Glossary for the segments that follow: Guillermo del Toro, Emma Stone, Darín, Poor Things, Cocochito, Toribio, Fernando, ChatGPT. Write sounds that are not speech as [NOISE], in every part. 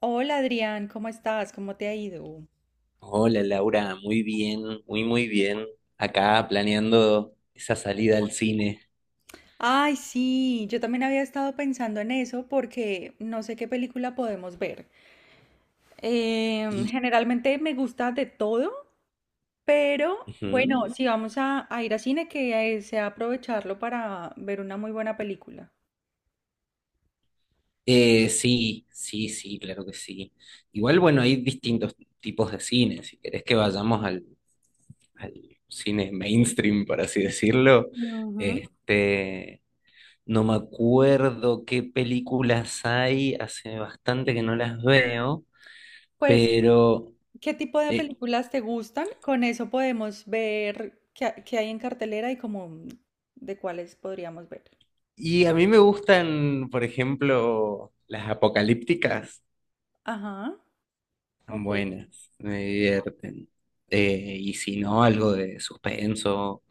Hola Adrián, ¿cómo estás? ¿Cómo te ha ido? Hola Laura, muy bien, muy muy bien. Acá planeando esa salida al cine. Ay, sí, yo también había estado pensando en eso porque no sé qué película podemos ver. Y Generalmente me gusta de todo, pero ujú. bueno, si vamos a ir a cine, que sea aprovecharlo para ver una muy buena película. Sí, sí, sí, claro que sí. Igual, bueno, hay distintos tipos de cine. Si querés que vayamos al cine mainstream, por así decirlo, Ujú. este, no me acuerdo qué películas hay, hace bastante que no las veo, Pues, pero ¿qué tipo de eh, películas te gustan? Con eso podemos ver qué hay en cartelera y como de cuáles podríamos ver. Y a mí me gustan, por ejemplo, las apocalípticas, Ajá, están ok. buenas, me divierten. Y si no, algo de suspenso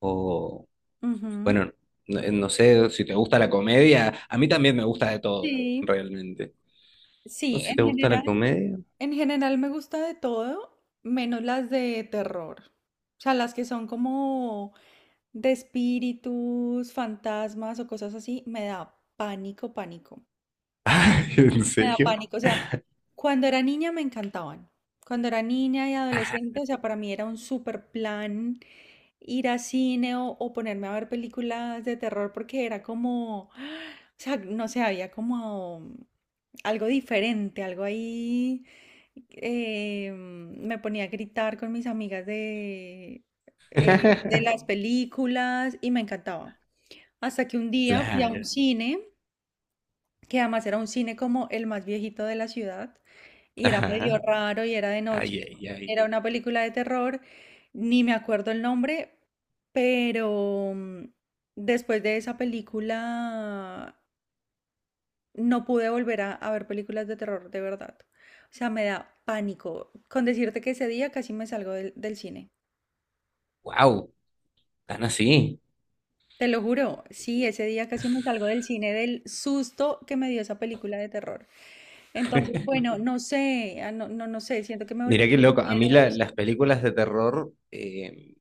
o, Ujú. bueno, no sé si te gusta la comedia, a mí también me gusta de todo, Sí, realmente. ¿No? sí, Si te gusta la comedia. en general me gusta de todo, menos las de terror. O sea, las que son como de espíritus, fantasmas o cosas así, me da pánico, pánico. [LAUGHS] Ay, ¿en Me da serio? pánico. O sea, cuando era niña me encantaban. Cuando era niña y adolescente, o sea, para mí era un super plan ir a cine o ponerme a ver películas de terror porque era como, [GASPS] o sea, no sé, había como algo diferente, algo ahí. Me ponía a gritar con mis amigas de las [LAUGHS] películas y me encantaba. Hasta que un día fui a Claro. un cine, que además era un cine como el más viejito de la ciudad, y era medio Ajá. raro y era de noche. Ay, ay, ay. Era una película de terror, ni me acuerdo el nombre, pero después de esa película no pude volver a ver películas de terror, de verdad. O sea, me da pánico. Con decirte que ese día casi me salgo del cine. Wow, tan así. Te lo juro, sí, ese día casi me salgo del cine del susto que me dio esa película de terror. Entonces, bueno, no sé, no sé, siento que me volví Mirá qué muy loco. A mí miedosa. las películas de terror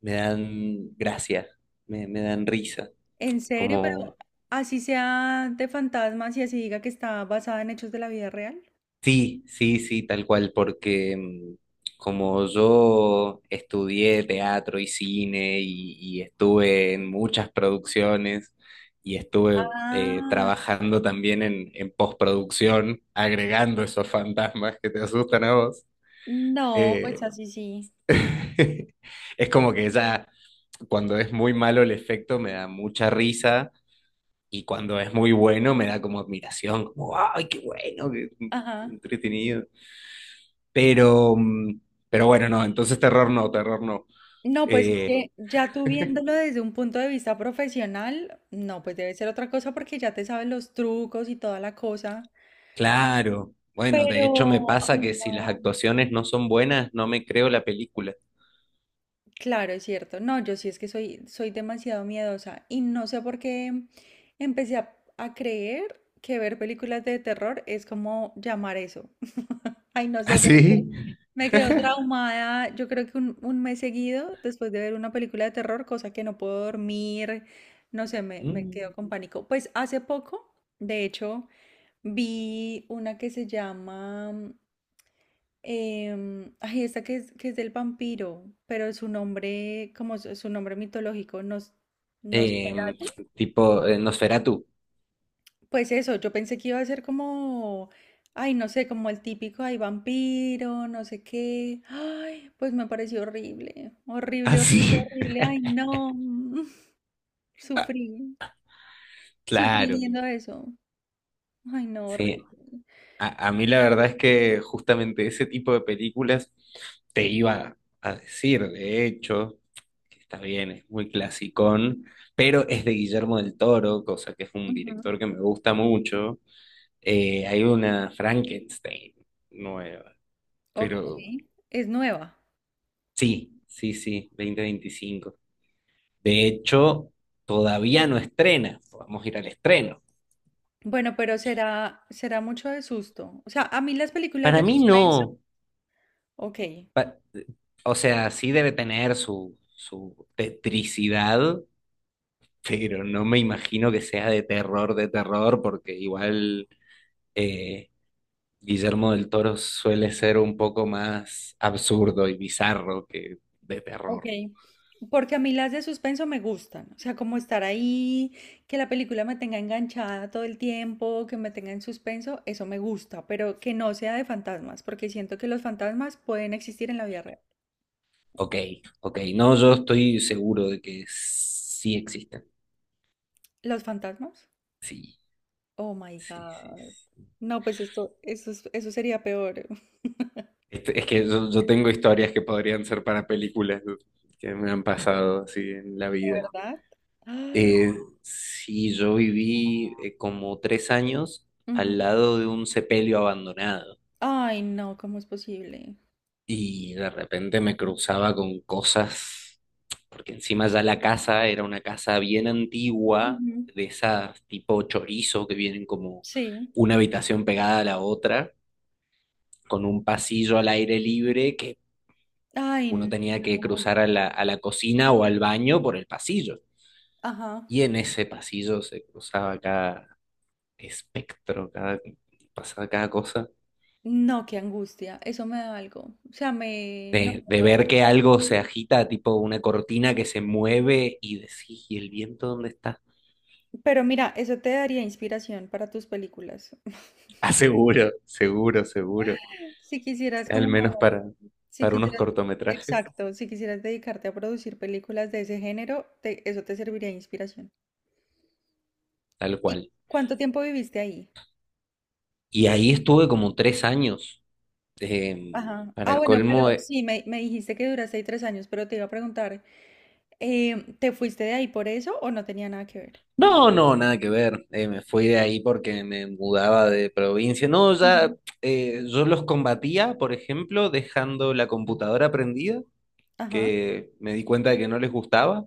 me dan gracia, me dan risa. En serio, pero Como, así sea de fantasmas y así diga que está basada en hechos de la vida real. sí, sí, sí, tal cual, porque mm, como yo estudié teatro y cine y estuve en muchas producciones y estuve Ah, trabajando también en postproducción, agregando esos fantasmas que te asustan a vos, no, pues eh, así sí. [LAUGHS] es como que ya cuando es muy malo el efecto me da mucha risa. Y cuando es muy bueno me da como admiración, como, ay, qué bueno, qué Ajá. entretenido. Pero, mm, pero bueno, no, entonces terror no, terror no. No, pues es claro Eh, que ya tú viéndolo desde un punto de vista profesional, no, pues debe ser otra cosa porque ya te sabes los trucos y toda la cosa. claro, bueno, de Pero, hecho me pasa ay, que si las no. actuaciones no son buenas, no me creo la película. Claro, es cierto. No, yo sí es que soy demasiado miedosa y no sé por qué empecé a creer que ver películas de terror es como llamar eso. Ay, no sé por qué. ¿Así? Me quedo traumada, yo creo que un mes seguido después de ver una película de terror, cosa que no puedo dormir, no sé, me quedo Mm. con pánico. Pues hace poco, de hecho, vi una que se llama, ay, esta que que es del vampiro, pero su nombre, como su nombre mitológico, nos... Em, Tipo Nosferatu. Pues eso, yo pensé que iba a ser como, ay, no sé, como el típico, ay, vampiro, no sé qué. Ay, pues me pareció horrible, horrible, horrible, ¿Así? horrible. Ay, [LAUGHS] no, [LAUGHS] sufrí, sufrí Claro, viendo eso. Ay, no, horrible. sí. A mí Sí. la verdad es que justamente ese tipo de películas te iba a decir, de hecho, que está bien, es muy clasicón, pero es de Guillermo del Toro, cosa que es un Ujú, director que me gusta mucho. Hay una Frankenstein nueva, ok, pero es nueva. sí, sí, sí, 2025. De hecho, todavía no estrena, vamos a ir al estreno. Bueno, pero será, será mucho de susto. O sea, a mí las películas Para de mí suspenso, no, ok, pa- o sea, sí debe tener su tetricidad, pero no me imagino que sea de terror, porque igual eh, Guillermo del Toro suele ser un poco más absurdo y bizarro que de ok, terror. porque a mí las de suspenso me gustan, o sea, como estar ahí, que la película me tenga enganchada todo el tiempo, que me tenga en suspenso, eso me gusta, pero que no sea de fantasmas, porque siento que los fantasmas pueden existir en la vida real. Ok, ok. No, yo estoy seguro de que sí existen. ¿Los fantasmas? Sí, Oh my sí, sí, God. sí. No, pues esto, eso, eso sería peor. [LAUGHS] Es que yo tengo historias que podrían ser para películas que me han pasado así en la ¿De vida. verdad? Ah, Eh, sí, yo viví como 3 años ujú. al lado de un sepelio abandonado Ay, no, ¿cómo es posible? y de repente me cruzaba con cosas, porque encima ya la casa era una casa bien antigua, Ujú, de esas tipo chorizo que vienen como sí. una habitación pegada a la otra, con un pasillo al aire libre que Ay, uno no. tenía que cruzar a a la cocina o al baño por el pasillo. Ajá. Y en ese pasillo se cruzaba cada espectro, cada, pasaba cada cosa. No, qué angustia, eso me da algo. O sea, me... No, De no, no, ver que no. algo se agita, tipo una cortina que se mueve y decís, ¿y el viento dónde está? [LAUGHS] Pero mira, eso te daría inspiración para tus películas. [LAUGHS] Ah, seguro, seguro, seguro. Si quisieras Al menos como, si para unos quisieras, cortometrajes, exacto, si quisieras dedicarte a producir películas de ese género, eso te serviría de inspiración. tal ¿Y cual. cuánto tiempo viviste ahí? Y ahí estuve como 3 años. eh, Ajá. Ah, para bueno, colmo, pero eh, sí, me dijiste que duraste ahí 3 años, pero te iba a preguntar, ¿te fuiste de ahí por eso o no tenía nada que ver? no, no, nada que ver. Me fui de ahí porque me mudaba de provincia. No, Mm. ya yo los combatía, por ejemplo, dejando la computadora prendida, Ajá. que me di cuenta de que no les gustaba,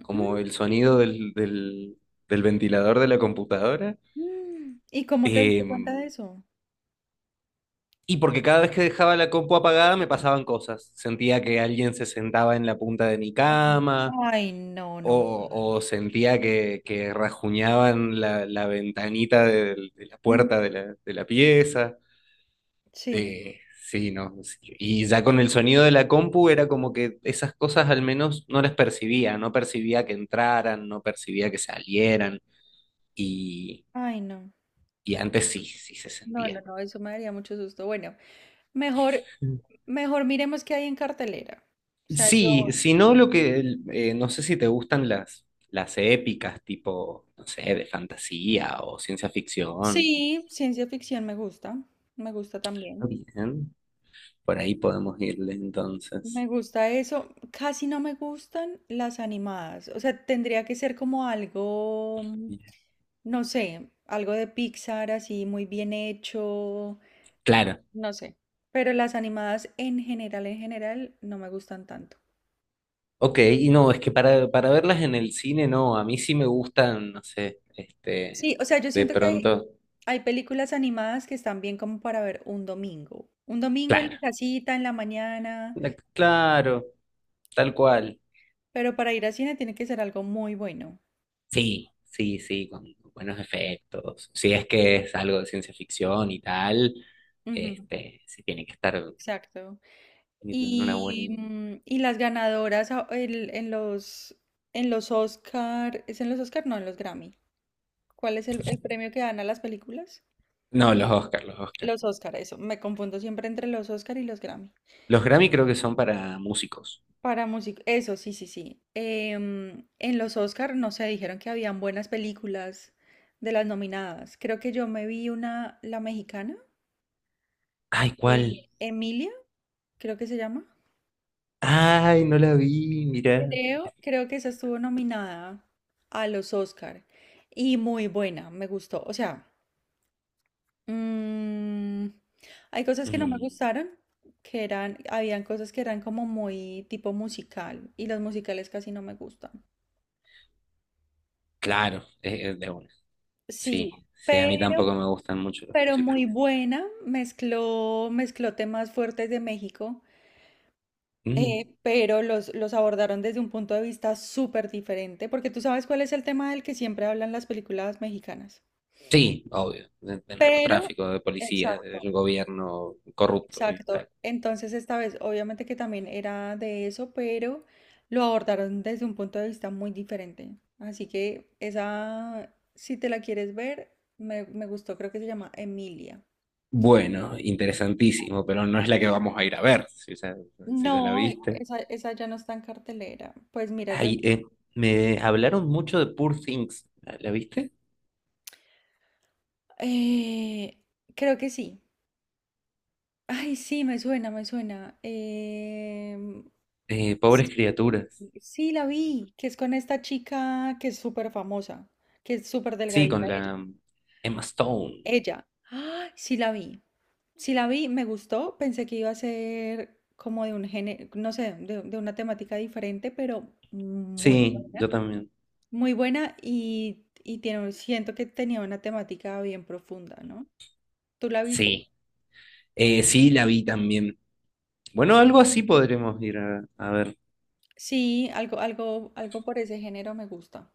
como el sonido del ventilador de la computadora. mm. ¿Y cómo te diste Eh, cuenta de eso? Y porque cada vez que dejaba la compu apagada me pasaban cosas. Sentía que alguien se sentaba en la punta de mi Oh, cama, ay, no, no me. O sentía que rajuñaban la ventanita de la puerta Mm, de de la pieza. sí, Eh, sí, no, sí. Y ya con el sonido de la compu era como que esas cosas al menos no las percibía. No percibía que entraran, no percibía que salieran. Y, ay, no. y antes sí, sí se No, no, sentía. no, eso me daría mucho susto. Bueno, mejor, mejor miremos qué hay en cartelera. O sea, yo. Sí, no sé si te gustan las épicas, tipo, no sé, de fantasía o ciencia ficción. Sí, ciencia ficción me gusta Ah, también. bien, por ahí podemos irle Me entonces. gusta eso. Casi no me gustan las animadas. O sea, tendría que ser como algo, Bien. no sé, algo de Pixar así muy bien hecho, Claro, no sé. Pero las animadas en general, no me gustan tanto. ok, y no, es que para verlas en el cine, no, a mí sí me gustan, no sé, Sí, o sea, yo de siento que hay, pronto, hay películas animadas que están bien como para ver un domingo. Un domingo en la claro, casita, en la mañana, claro, tal cual. pero para ir al cine tiene que ser algo muy bueno. Sí, sí, sí, con buenos efectos. Si es que es algo de ciencia ficción y tal, Ujú, sí tiene que estar exacto. en una Y, buena... y las ganadoras en los Oscar, ¿es en los Oscar? No, en los Grammy. ¿Cuál es el premio que dan a las películas? No, los Oscar, los Oscar. Los Oscar, eso. Me confundo siempre entre los Oscar y los Grammy. Los Grammy creo que son para músicos. Para música, eso, sí, sí, sí. En los Oscar, no sé, dijeron que habían buenas películas de las nominadas. Creo que yo me vi una, la mexicana, Ay, ¿cuál? Emilia, creo que se llama. Ay, no la vi, mira. Creo, creo que esa estuvo nominada a los Oscar y muy buena, me gustó. O sea, mm, hay cosas que no me Mm, gustaron, que eran, habían cosas que eran como muy tipo musical y los musicales casi no me gustan. claro, es de una. Sí, Sí, sí, a mí tampoco pero me gustan mucho los pero muy musicales. buena, mezcló, mezcló temas fuertes de México, Mm, pero los abordaron desde un punto de vista súper diferente, porque tú sabes cuál es el tema del que siempre hablan las películas mexicanas. sí, obvio, de Pero, narcotráfico, de policía, exacto, del gobierno corrupto y exacto. tal. Entonces esta vez, obviamente que también era de eso, pero lo abordaron desde un punto de vista muy diferente. Así que esa, si te la quieres ver, me gustó, creo que se llama Emilia. Bueno, interesantísimo, pero no es la que vamos a ir a ver, si ya, si ya la No, viste. esa ya no está en cartelera. Pues mira, yo Ay, me hablaron mucho de Poor Things, ¿la, la viste? eh, creo que sí. Ay, sí, me suena, me suena. Pobres Sí, criaturas. sí, la vi, que es con esta chica que es súper famosa, que es súper Sí, delgadita con ella. la Emma Stone. Ella. Ay, sí la vi. Sí la vi, me gustó. Pensé que iba a ser como de un género, no sé, de una temática diferente, pero muy Sí, buena. yo también. Muy buena y tiene, siento que tenía una temática bien profunda, ¿no? ¿Tú la viste? Sí, sí, la vi también. Bueno, algo así podremos ir a ver. Sí, algo, algo, algo por ese género me gusta.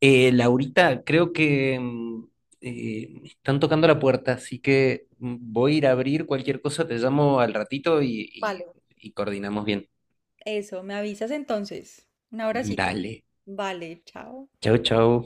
Laurita, creo que mm, están tocando la puerta, así que mm, voy a ir a abrir cualquier cosa, te llamo al ratito Vale. Y coordinamos bien. Eso, me avisas entonces. Un abracito. Dale. Vale, chao. Chau, chau.